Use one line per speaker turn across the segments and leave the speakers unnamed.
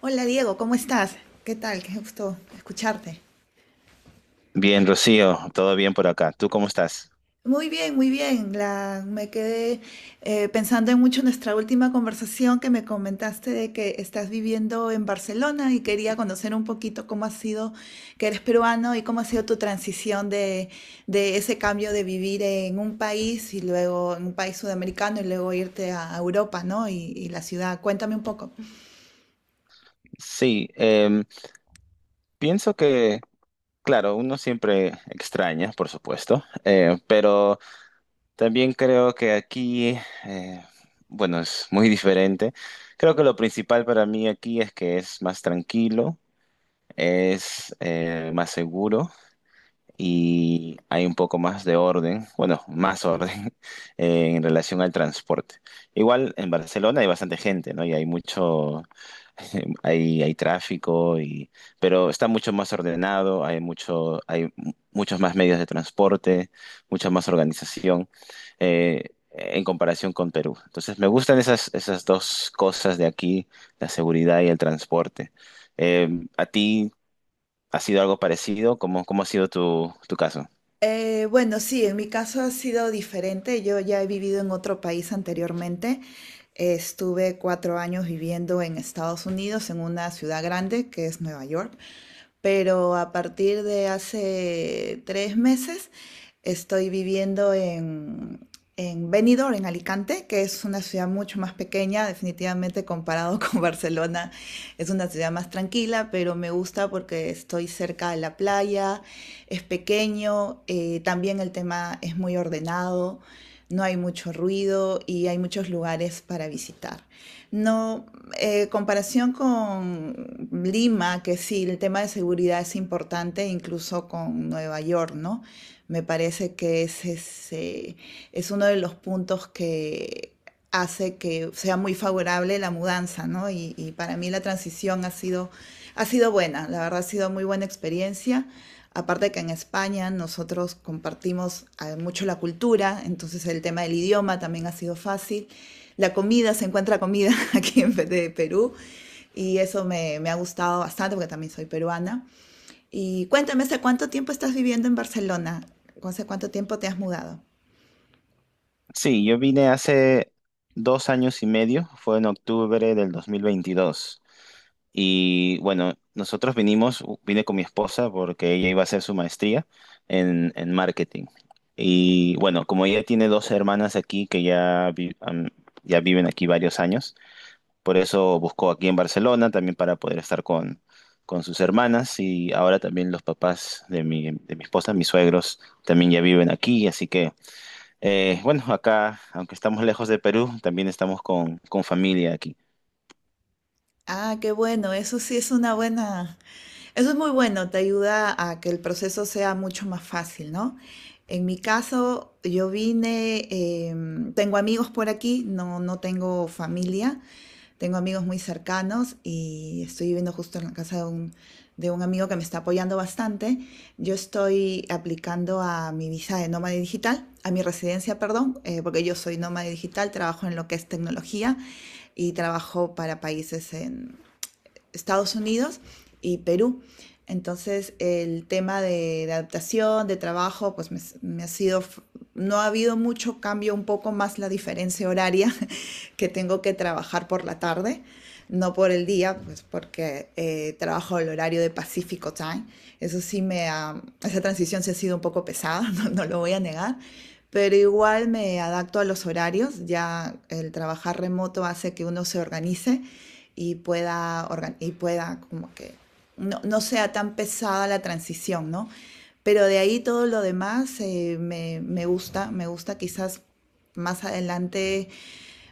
Hola Diego, ¿cómo estás? ¿Qué tal? Qué gusto escucharte.
Bien, Rocío, todo bien por acá. ¿Tú cómo estás?
Muy bien, muy bien. Me quedé pensando en mucho nuestra última conversación que me comentaste de que estás viviendo en Barcelona y quería conocer un poquito cómo ha sido, que eres peruano y cómo ha sido tu transición de ese cambio de vivir en un país y luego en un país sudamericano y luego irte a Europa, ¿no? Y la ciudad. Cuéntame un poco.
Sí, pienso que, claro, uno siempre extraña, por supuesto, pero también creo que aquí, eh, bueno, es muy diferente. Creo que lo principal para mí aquí es que es más tranquilo, es más seguro. Y hay un poco más de orden, bueno, más orden en relación al transporte. Igual en Barcelona hay bastante gente, ¿no? Y hay mucho, hay tráfico, y, pero está mucho más ordenado, hay mucho, hay mu- muchos más medios de transporte, mucha más organización eh, en comparación con Perú. Entonces me gustan esas dos cosas de aquí, la seguridad y el transporte. Eh, ¿A ti ¿Ha sido algo parecido? ¿Cómo ha sido tu caso?
Bueno, sí, en mi caso ha sido diferente. Yo ya he vivido en otro país anteriormente. Estuve 4 años viviendo en Estados Unidos, en una ciudad grande que es Nueva York. Pero a partir de hace 3 meses estoy viviendo en Benidorm, en Alicante, que es una ciudad mucho más pequeña, definitivamente comparado con Barcelona. Es una ciudad más tranquila, pero me gusta porque estoy cerca de la playa, es pequeño, también el tema es muy ordenado, no hay mucho ruido y hay muchos lugares para visitar. No, comparación con Lima, que sí, el tema de seguridad es importante, incluso con Nueva York, ¿no? Me parece que ese es uno de los puntos que hace que sea muy favorable la mudanza, ¿no? Y para mí la transición ha sido buena, la verdad ha sido muy buena experiencia. Aparte que en España nosotros compartimos mucho la cultura, entonces el tema del idioma también ha sido fácil. La comida, se encuentra comida aquí en de Perú y eso me ha gustado bastante porque también soy peruana. Y cuéntame, ¿hace cuánto tiempo estás viviendo en Barcelona? ¿Hace cuánto tiempo te has mudado?
Sí, yo vine hace 2 años y medio, fue en octubre del 2022. Y bueno, nosotros vine con mi esposa porque ella iba a hacer su maestría en marketing. Y bueno, como ella tiene dos hermanas aquí que ya viven aquí varios años. Por eso buscó aquí en Barcelona también para poder estar con sus hermanas, y ahora también los papás de mi esposa, mis suegros, también ya viven aquí. Así que, bueno, acá, aunque estamos lejos de Perú, también estamos con familia aquí.
Ah, qué bueno, eso sí es una buena, eso es muy bueno, te ayuda a que el proceso sea mucho más fácil, ¿no? En mi caso, yo vine, tengo amigos por aquí, no tengo familia, tengo amigos muy cercanos y estoy viviendo justo en la casa de un amigo que me está apoyando bastante. Yo estoy aplicando a mi visa de nómada digital, a mi residencia, perdón, porque yo soy nómada digital, trabajo en lo que es tecnología y trabajo para países en Estados Unidos y Perú. Entonces el tema de adaptación, de trabajo, pues me ha sido, no ha habido mucho cambio, un poco más la diferencia horaria que tengo que trabajar por la tarde, no por el día, pues porque trabajo el horario de Pacifico Time. Eso sí me ha, esa transición se ha sido un poco pesada, no, no lo voy a negar, pero igual me adapto a los horarios, ya el trabajar remoto hace que uno se organice y pueda como que no, no, sea tan pesada la transición, ¿no? Pero de ahí todo lo demás me gusta, me gusta quizás más adelante,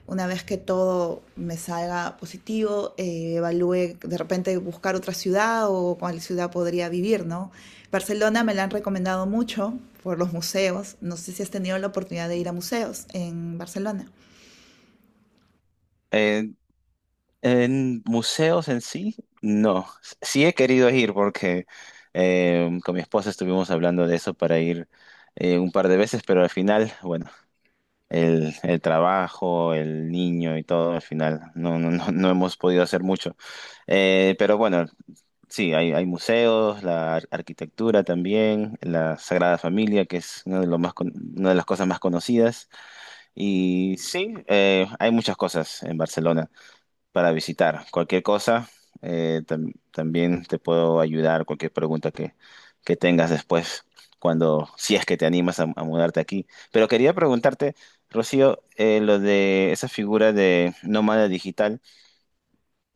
una vez que todo me salga positivo, evalúe de repente buscar otra ciudad o cuál ciudad podría vivir, ¿no? Barcelona me la han recomendado mucho por los museos. No sé si has tenido la oportunidad de ir a museos en Barcelona.
Eh, en museos en sí, no. Sí he querido ir porque con mi esposa estuvimos hablando de eso para ir un par de veces, pero al final, bueno, el trabajo, el niño y todo, al final no hemos podido hacer mucho. Pero bueno, sí, hay museos, la arquitectura también, la Sagrada Familia, que es uno de los más con- una de las cosas más conocidas. Y sí, hay muchas cosas en Barcelona para visitar. Cualquier cosa, también te puedo ayudar, cualquier pregunta que tengas después, cuando, si es que te animas a mudarte aquí. Pero quería preguntarte, Rocío, lo de esa figura de nómada digital,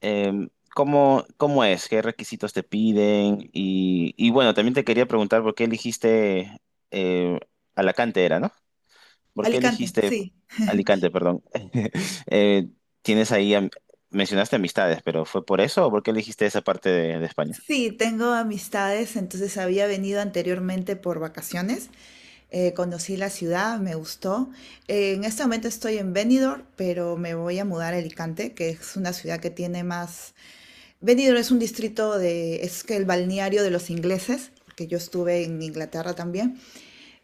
eh, ¿cómo es? ¿Qué requisitos te piden? Y bueno, también te quería preguntar por qué eligiste eh, Alacante, era, ¿no? ¿Por qué
Alicante,
elegiste
sí.
Alicante, perdón? Eh, tienes ahí, am- Mencionaste amistades, pero ¿fue por eso o por qué elegiste esa parte de España?
Sí, tengo amistades, entonces había venido anteriormente por vacaciones, conocí la ciudad, me gustó. En este momento estoy en Benidorm, pero me voy a mudar a Alicante, que es una ciudad que tiene más... Benidorm es un distrito de... es que el balneario de los ingleses, porque yo estuve en Inglaterra también.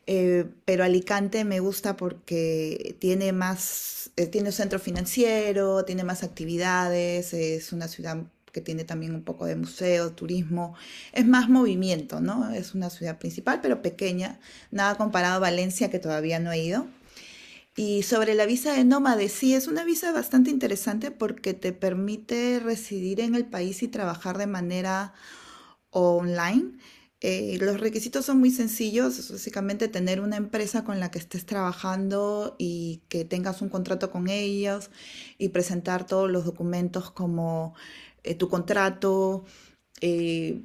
Pero Alicante me gusta porque tiene más, tiene un centro financiero, tiene más actividades, es una ciudad que tiene también un poco de museo, turismo, es más movimiento, ¿no? Es una ciudad principal, pero pequeña, nada comparado a Valencia, que todavía no he ido. Y sobre la visa de nómade, sí, es una visa bastante interesante porque te permite residir en el país y trabajar de manera o online. Los requisitos son muy sencillos, es básicamente tener una empresa con la que estés trabajando y que tengas un contrato con ellos y presentar todos los documentos como tu contrato, eh,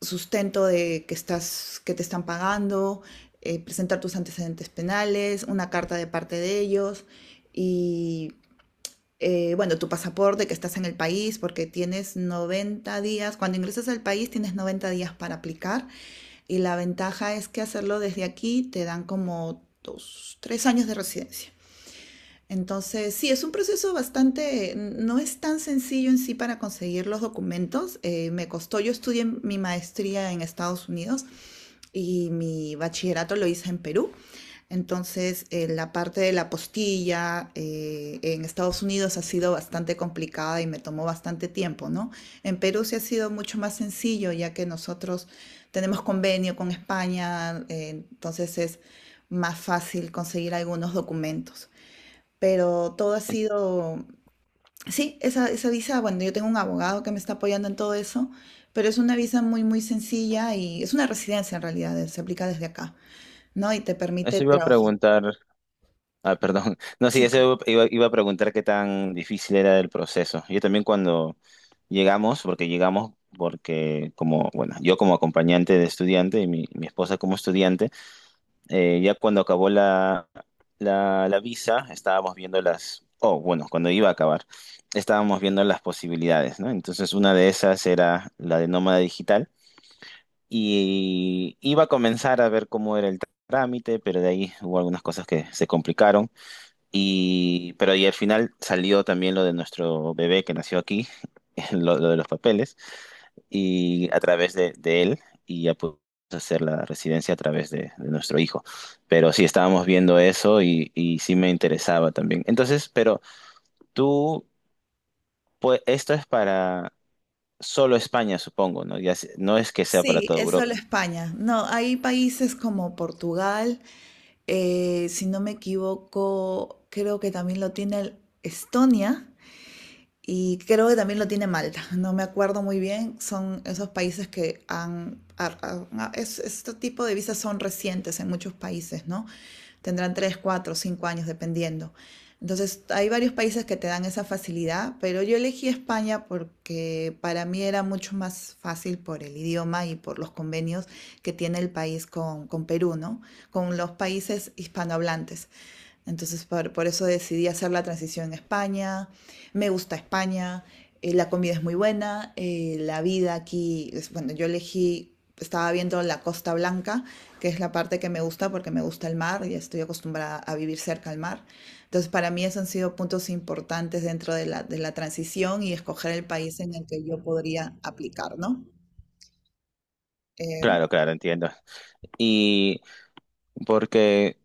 sustento de que estás, que te están pagando, presentar tus antecedentes penales, una carta de parte de ellos y bueno, tu pasaporte, que estás en el país, porque tienes 90 días, cuando ingresas al país tienes 90 días para aplicar y la ventaja es que hacerlo desde aquí te dan como 2, 3 años de residencia. Entonces, sí, es un proceso bastante, no es tan sencillo en sí para conseguir los documentos. Me costó, yo estudié mi maestría en Estados Unidos y mi bachillerato lo hice en Perú. Entonces, la parte de la postilla en Estados Unidos ha sido bastante complicada y me tomó bastante tiempo, ¿no? En Perú sí ha sido mucho más sencillo, ya que nosotros tenemos convenio con España, entonces es más fácil conseguir algunos documentos. Pero todo ha
Es-
sido, sí, esa visa, bueno, yo tengo un abogado que me está apoyando en todo eso, pero es una visa muy, muy sencilla y es una residencia en realidad, se aplica desde acá, ¿no? Y te permite
Eso iba a
trabajar.
preguntar, ah, perdón. No, sí,
Sí, claro.
eso iba a preguntar qué tan difícil era el proceso. Yo también cuando llegamos porque como, bueno, yo como acompañante de estudiante, y mi esposa como estudiante, ya cuando acabó la visa, estábamos viendo las, oh, bueno, cuando iba a acabar, estábamos viendo las posibilidades, ¿no? Entonces una de esas era la de nómada digital, y iba a comenzar a ver cómo era el trámite, pero de ahí hubo algunas cosas que se complicaron. Pero al final salió también lo de nuestro bebé que nació aquí, lo de los papeles, y a través de él, y ya pudimos hacer la residencia a través de nuestro hijo. Pero sí, estábamos viendo eso, y sí me interesaba también. Entonces, tú, pues esto es para solo España, supongo, ¿no? Ya, no es que sea para
Sí,
toda
es solo
Europa.
España. No, hay países como Portugal, si no me equivoco, creo que también lo tiene Estonia y creo que también lo tiene Malta. No me acuerdo muy bien, son esos países que han... este tipo de visas son recientes en muchos países, ¿no? Tendrán 3 4 5 años, dependiendo. Entonces, hay varios países que te dan esa facilidad, pero yo elegí España porque para mí era mucho más fácil por el idioma y por los convenios que tiene el país con Perú, ¿no? Con los países hispanohablantes. Entonces, por eso decidí hacer la transición en España. Me gusta España, la comida es muy buena, la vida aquí, bueno, yo elegí, estaba viendo la Costa Blanca, que es la parte que me gusta porque me gusta el mar y estoy acostumbrada a vivir cerca al mar. Entonces, para mí esos han sido puntos importantes dentro de de la transición y escoger el país en el que yo podría aplicar, ¿no? Eh,
Claro, claro, entiendo. Y porque...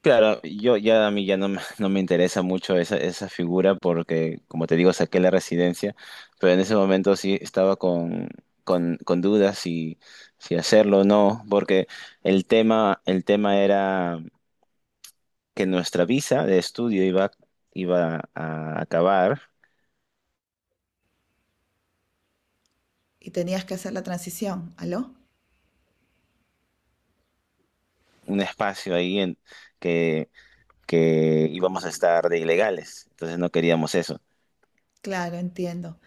Claro, yo ya a mí ya no, me no me interesa mucho esa, esa figura porque, como te digo, saqué la residencia, pero en ese momento sí estaba con dudas si hacerlo o no, porque el tema era que nuestra visa de estudio iba a acabar
y tenías que hacer la transición, ¿aló?
un espacio ahí en que, que íbamos a estar de ilegales, entonces no queríamos eso.
Claro, entiendo.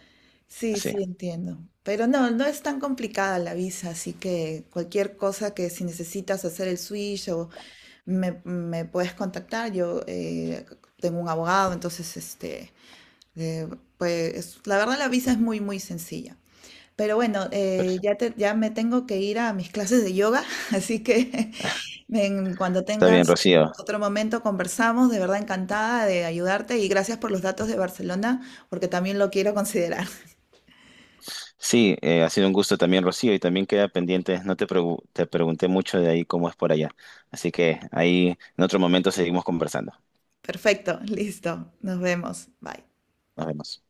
Sí,
Sí,
sí, entiendo. Pero no, no es tan complicada la visa, así que cualquier cosa que si necesitas hacer el switch o me puedes contactar, yo tengo un abogado, entonces, este, eh, pues la verdad la visa es muy, muy sencilla. Pero bueno,
pero
ya, ya me tengo que ir a mis clases de yoga, así que ven, cuando
está bien,
tengas
Rocío.
otro momento conversamos, de verdad encantada de ayudarte y gracias por los datos de Barcelona, porque también lo quiero considerar.
Sí, ha sido un gusto también, Rocío, y también queda pendiente, no te, pregu- te pregunté mucho de ahí cómo es por allá, así que ahí en otro momento seguimos conversando.
Perfecto, listo. Nos vemos. Bye.
Nos vemos.